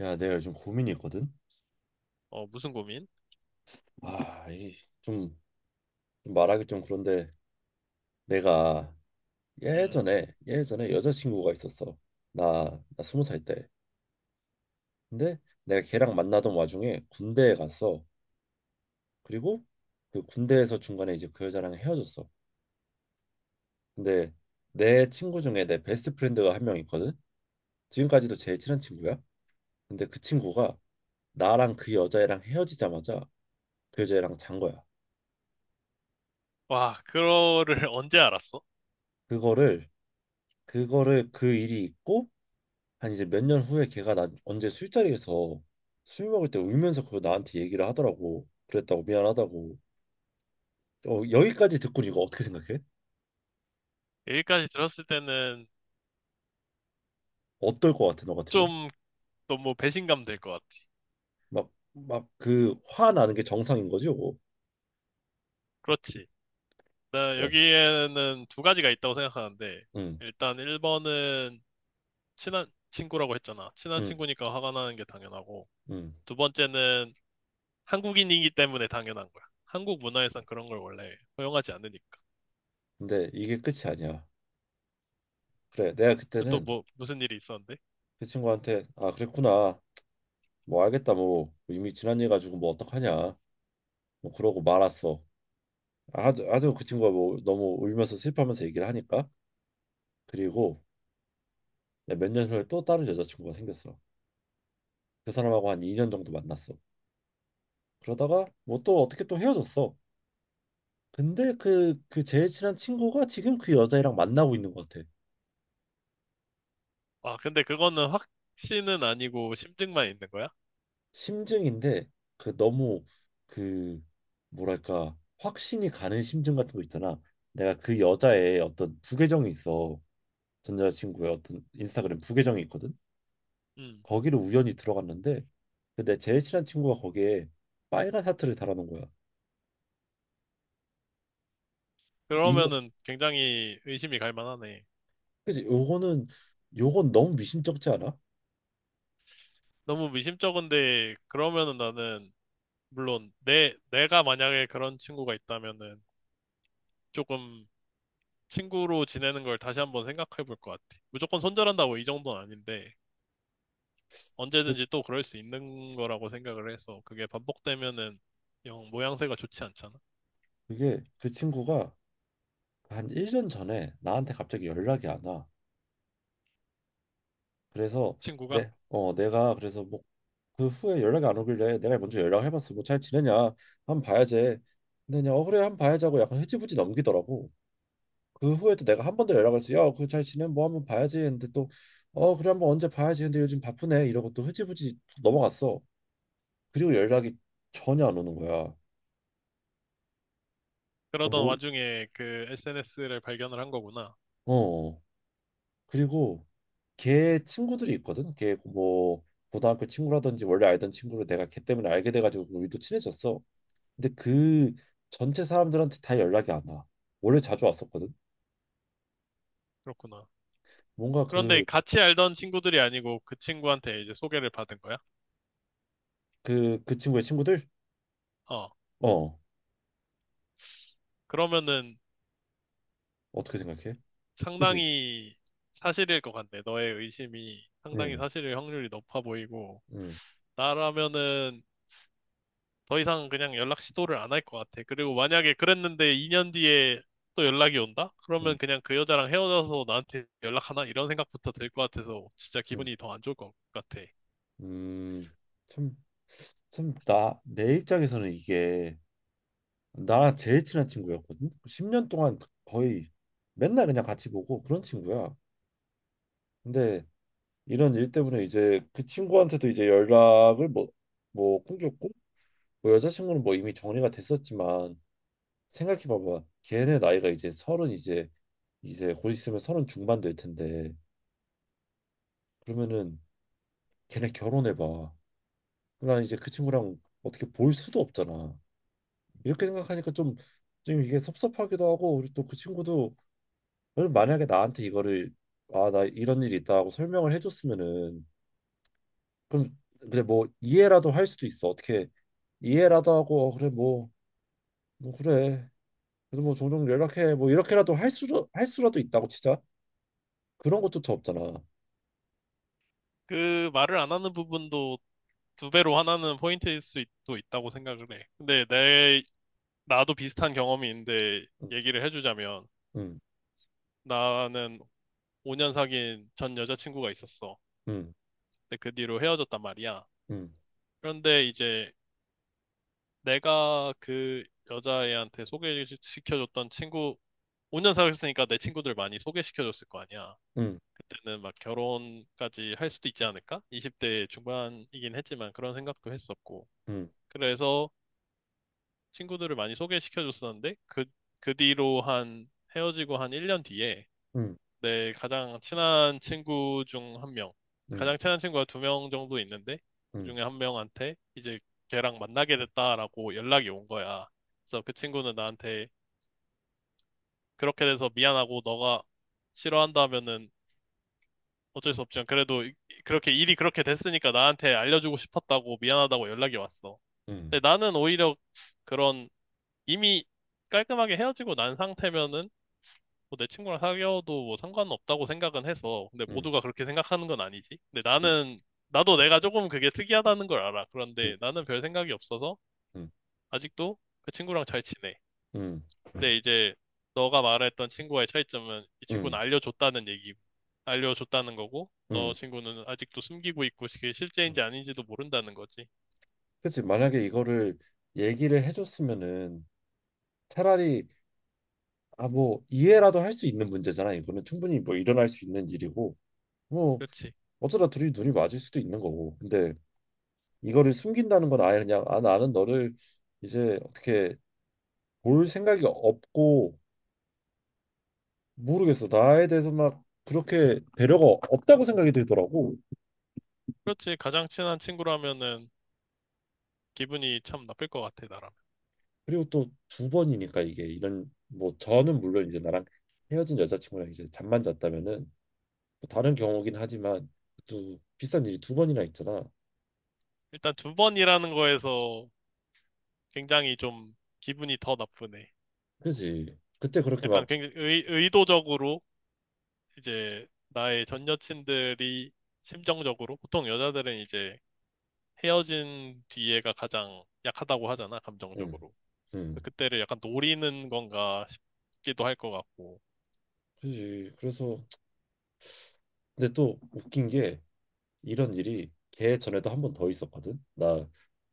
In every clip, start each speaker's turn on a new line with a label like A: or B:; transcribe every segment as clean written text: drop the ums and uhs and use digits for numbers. A: 야, 내가 요즘 고민이 있거든.
B: 어, 무슨 고민?
A: 아, 이 좀 말하기 좀 그런데 내가
B: 음.
A: 예전에 여자친구가 있었어. 나 20살 때. 근데 내가 걔랑 만나던 와중에 군대에 갔어. 그리고 그 군대에서 중간에 이제 그 여자랑 헤어졌어. 근데 내 친구 중에 내 베스트 프렌드가 1명 있거든. 지금까지도 제일 친한 친구야. 근데 그 친구가 나랑 그 여자애랑 헤어지자마자 그 여자애랑 잔 거야.
B: 와, 그거를 언제 알았어?
A: 그거를 그거를 그 일이 있고 한 이제 몇 년 후에 걔가 나 언제 술자리에서 술 먹을 때 울면서 그거 나한테 얘기를 하더라고. 그랬다고 미안하다고. 어, 여기까지 듣고 이거 어떻게 생각해?
B: 여기까지 들었을 때는
A: 어떨 것 같아 너 같으면?
B: 좀 너무 배신감 될 것 같아.
A: 막 그 화나는 게 정상인 거지 요거.
B: 그렇지. 나
A: 그래.
B: 여기에는 두 가지가 있다고 생각하는데,
A: 응,
B: 일단 1번은 친한 친구라고 했잖아. 친한
A: 응,
B: 친구니까 화가 나는 게 당연하고,
A: 응.
B: 두 번째는 한국인이기 때문에 당연한 거야. 한국 문화에선 그런 걸 원래 허용하지 않으니까.
A: 근데 이게 끝이 아니야. 그래, 내가
B: 또
A: 그때는
B: 뭐, 무슨 일이 있었는데?
A: 그 친구한테 아 그랬구나. 뭐 알겠다 뭐 이미 지난 일 가지고 뭐 어떡하냐. 뭐 그러고 말았어. 아주 아주 그 친구가 뭐 너무 울면서 슬퍼하면서 얘기를 하니까 그리고 네, 몇년 후에 또 다른 여자친구가 생겼어. 그 사람하고 한 2년 정도 만났어. 그러다가 뭐 또 어떻게 또 헤어졌어. 근데 그 제일 친한 친구가 지금 그 여자애랑 만나고 있는 것 같아.
B: 아, 근데 그거는 확신은 아니고 심증만 있는 거야?
A: 심증인데 그 너무 그 뭐랄까 확신이 가는 심증 같은 거 있잖아. 내가 그 여자의 어떤 부계정이 있어. 전 여자친구의 어떤 인스타그램 부계정이 있거든.
B: 음.
A: 거기를 우연히 들어갔는데 근데 제일 친한 친구가 거기에 빨간 하트를 달아놓은 거야. 이거
B: 그러면은 굉장히 의심이 갈 만하네.
A: 그치 요거는 요건 너무 미심쩍지 않아?
B: 너무 미심쩍은데, 그러면은 나는, 물론, 내가 만약에 그런 친구가 있다면은, 조금 친구로 지내는 걸 다시 한번 생각해 볼 것 같아. 무조건 손절한다고 이 정도는 아닌데,
A: 그,
B: 언제든지 또 그럴 수 있는 거라고 생각을 해서, 그게 반복되면은, 영 모양새가 좋지 않잖아.
A: 그게 그 친구가 한 1년 전에 나한테 갑자기 연락이 안 와. 그래서
B: 친구가.
A: 내, 어, 내가 그래서 뭐 그 후에 연락이 안 오길래 내가 먼저 연락을 해봤어. 뭐 잘 지내냐? 한번 봐야지. 근데 그냥 어 그래 한번 봐야지 하고 약간 흐지부지 넘기더라고. 그 후에도 내가 한 번 더 연락을 했어. 야, 그잘 지내? 뭐 한번 봐야지 했는데 또 어 그래 한번 언제 봐야지. 근데 요즘 바쁘네 이러고 또 흐지부지 넘어갔어. 그리고 연락이 전혀 안 오는 거야. 그러니까
B: 그러던
A: 뭐
B: 와중에 그 SNS를 발견을 한 거구나.
A: 어. 어. 그리고 걔 친구들이 있거든. 걔 뭐 고등학교 친구라든지 원래 알던 친구를 내가 걔 때문에 알게 돼가지고 우리도 친해졌어. 근데 그 전체 사람들한테 다 연락이 안 와. 원래 자주 왔었거든.
B: 그렇구나.
A: 뭔가
B: 그런데
A: 그
B: 같이 알던 친구들이 아니고 그 친구한테 이제 소개를 받은 거야?
A: 그 그 친구의 친구들?
B: 어.
A: 어
B: 그러면은
A: 어떻게 생각해? 그지?
B: 상당히 사실일 것 같네. 너의 의심이 상당히
A: 응,
B: 사실일 확률이 높아 보이고,
A: 응,
B: 나라면은 더 이상 그냥 연락 시도를 안 할 것 같아. 그리고 만약에 그랬는데 2년 뒤에 또 연락이 온다?
A: 응,
B: 그러면 그냥 그 여자랑 헤어져서 나한테 연락하나? 이런 생각부터 들 것 같아서 진짜
A: 응,
B: 기분이 더 안 좋을 것 같아.
A: 음. 참, 참, 내 입장에서는 이게 나랑 제일 친한 친구였거든. 10년 동안 거의 맨날 그냥 같이 보고 그런 친구야. 근데 이런 일 때문에 이제 그 친구한테도 이제 연락을 뭐 끊겼고 뭐 여자친구는 뭐 이미 정리가 됐었지만 생각해 봐봐 걔네 나이가 이제 서른 이제 곧 있으면 서른 중반 될 텐데 그러면은 걔네 결혼해 봐그 이제 그 친구랑 어떻게 볼 수도 없잖아 이렇게 생각하니까 좀 이게 섭섭하기도 하고 우리 또 그 친구도 만약에 나한테 이거를 아 나 이런 일이 있다 하고 설명을 해줬으면은 그럼 그래 뭐 이해라도 할 수도 있어. 어떻게 이해라도 하고 어, 그래 뭐 그래. 그래도 뭐 종종 연락해. 뭐 이렇게라도 할 수라도 있다고 치자. 그런 것도 없잖아.
B: 그 말을 안 하는 부분도 두 배로 하나는 포인트일 수도 있다고 생각을 해. 근데 내, 나도 비슷한 경험이 있는데 얘기를 해주자면,
A: 음,
B: 나는 5년 사귄 전 여자친구가 있었어.
A: 음,
B: 근데 그 뒤로 헤어졌단 말이야.
A: 음,
B: 그런데 이제 내가 그 여자애한테 소개시켜줬던 친구, 5년 사귀었으니까 내 친구들 많이 소개시켜줬을 거 아니야.
A: 음,
B: 그때는 막 결혼까지 할 수도 있지 않을까? 20대 중반이긴 했지만 그런 생각도 했었고.
A: 음,
B: 그래서 친구들을 많이 소개시켜줬었는데 그 뒤로 한 헤어지고 한 1년 뒤에
A: 음,
B: 내 가장 친한 친구 중 한 명.
A: 음,
B: 가장 친한 친구가 두 명 정도 있는데, 그
A: 음,
B: 중에 한 명한테 이제 걔랑 만나게 됐다라고 연락이 온 거야. 그래서 그 친구는 나한테 그렇게 돼서 미안하고 너가 싫어한다면은 어쩔 수 없지만 그래도 이- 그렇게 일이 그렇게 됐으니까 나한테 알려주고 싶었다고 미안하다고 연락이 왔어.
A: 음,
B: 근데 나는 오히려 그런 이미 깔끔하게 헤어지고 난 상태면은 뭐내 친구랑 사귀어도 뭐 상관없다고 생각은 해서. 근데
A: 음,
B: 모두가 그렇게 생각하는 건 아니지. 근데
A: 음, 음,
B: 나는, 나도 내가 조금 그게 특이하다는 걸 알아. 그런데 나는 별 생각이 없어서
A: 음,
B: 아직도 그 친구랑 잘 지내.
A: 음.
B: 근데 이제 너가 말했던 친구와의 차이점은 이 친구는
A: 응,
B: 알려줬다는 얘기, 알려줬다는 거고, 너
A: 응.
B: 친구는 아직도 숨기고 있고 그게
A: 응.
B: 실제인지 아닌지도 모른다는 거지.
A: 그치. 만약에 이거를 얘기를 해줬으면은 차라리 아 뭐 이해라도 할 수 있는 문제잖아. 이거는 충분히 뭐 일어날 수 있는 일이고 뭐
B: 그렇지.
A: 어쩌다 둘이 눈이 맞을 수도 있는 거고. 근데 이거를 숨긴다는 건 아예 그냥 아 나는 너를 이제 어떻게 볼 생각이 없고 모르겠어. 나에 대해서 막 그렇게 배려가 없다고 생각이 들더라고.
B: 그렇지. 가장 친한 친구라면은 기분이 참 나쁠 것 같아, 나라면.
A: 그리고 또 두 번이니까 이게 이런 뭐 저는 물론 이제 나랑 헤어진 여자친구랑 이제 잠만 잤다면은 뭐 다른 경우긴 하지만 또 비슷한 일이 2번이나 있잖아.
B: 일단 두 번이라는 거에서 굉장히 좀 기분이 더 나쁘네.
A: 그지? 그때 그렇게
B: 약간
A: 막
B: 굉장히 의도적으로 이제 나의 전 여친들이 심정적으로 보통 여자들은 이제 헤어진 뒤에가 가장 약하다고 하잖아,
A: 응,
B: 감정적으로.
A: 응,
B: 그때를 약간 노리는 건가 싶기도 할 것 같고.
A: 그지? 그래서 근데 또 웃긴 게 이런 일이 걔 전에도 한 번 더 있었거든. 나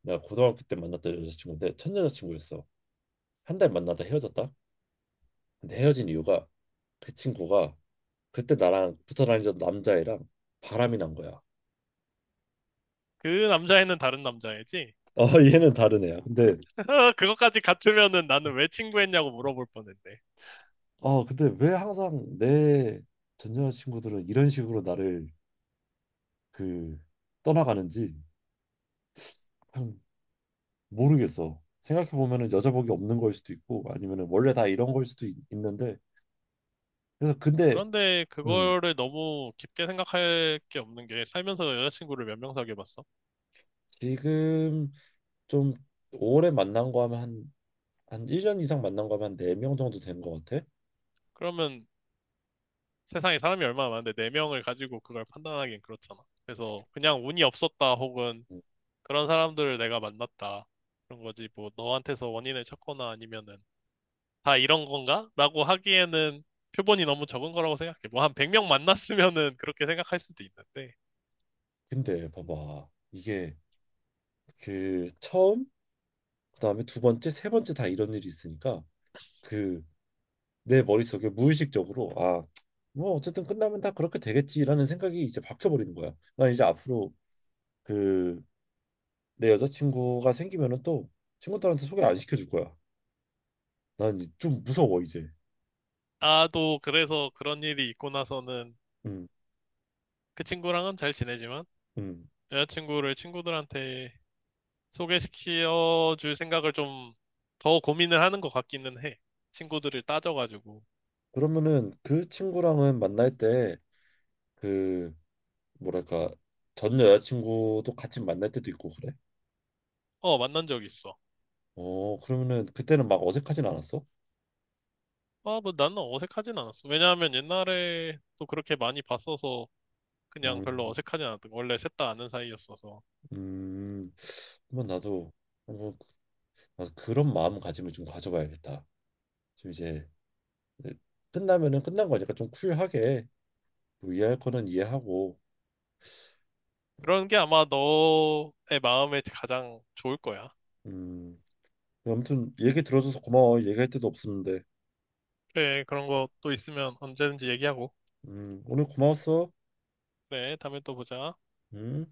A: 나 고등학교 때 만났던 여자친구인데 첫 여자친구였어. 1달 만나다 헤어졌다. 근데 헤어진 이유가 그 친구가 그때 나랑 붙어 다니던 남자애랑 바람이 난 거야.
B: 그 남자애는 다른 남자애지?
A: 어 얘는 다른 애야. 근데
B: 그것까지 같으면은 나는 왜 친구했냐고 물어볼 뻔했네.
A: 어 근데 왜 항상 내 전 여자친구들은 이런 식으로 나를 그 떠나가는지 참 모르겠어. 생각해 보면은 여자복이 없는 걸 수도 있고 아니면은 원래 다 이런 걸 수도 있, 는데 그래서 근데
B: 그런데 그거를 너무 깊게 생각할 게 없는 게 살면서 여자친구를 몇 명 사귀어봤어?
A: 지금 좀 오래 만난 거 하면 한 1년 이상 만난 거 하면 한 4명 정도 된 거 같아.
B: 그러면 세상에 사람이 얼마나 많은데 네명을 가지고 그걸 판단하기엔 그렇잖아. 그래서 그냥 운이 없었다 혹은
A: 음,
B: 그런 사람들을 내가 만났다. 그런 거지. 뭐 너한테서 원인을 찾거나 아니면은 다 이런 건가? 라고 하기에는 표본이 너무 적은 거라고 생각해. 뭐 한 100명 만났으면은 그렇게 생각할 수도 있는데.
A: 근데 봐봐. 이게 그 처음, 그다음에 두 번째, 세 번째 다 이런 일이 있으니까 그 내 머릿속에 무의식적으로 아, 뭐 어쨌든 끝나면 다 그렇게 되겠지라는 생각이 이제 박혀버리는 거야. 난 이제 앞으로 그 내 여자친구가 생기면은 또 친구들한테 소개 안 시켜줄 거야. 난 좀 무서워 이제.
B: 나도 그래서 그런 일이 있고 나서는
A: 음,
B: 그 친구랑은 잘 지내지만
A: 음.
B: 여자친구를 친구들한테 소개시켜 줄 생각을 좀 더 고민을 하는 것 같기는 해. 친구들을 따져가지고.
A: 그러면은 그 친구랑은 만날 때 그 뭐랄까 전 여자친구도 같이 만날 때도 있고 그래?
B: 어, 만난 적 있어.
A: 어 그러면은 그때는 막 어색하진 않았어?
B: 아, 뭐 나는 어색하진 않았어. 왜냐하면 옛날에 또 그렇게 많이 봤어서 그냥 별로
A: 음,
B: 어색하진 않았던 거. 원래 셋 다 아는 사이였어서.
A: 음, 그러 나도 뭐 나도 그런 마음가짐을 좀 가져봐야겠다. 좀 이제 끝나면은 끝난 거니까 좀 쿨하게 뭐 이해할 거는 이해하고
B: 그런 게 아마 너의 마음에 가장 좋을 거야.
A: 음 아무튼 얘기 들어줘서 고마워. 얘기할 데도 없었는데
B: 그래, 그런 것도 있으면 언제든지 얘기하고.
A: 오늘 고마웠어.
B: 그래, 다음에 또 보자.
A: 음.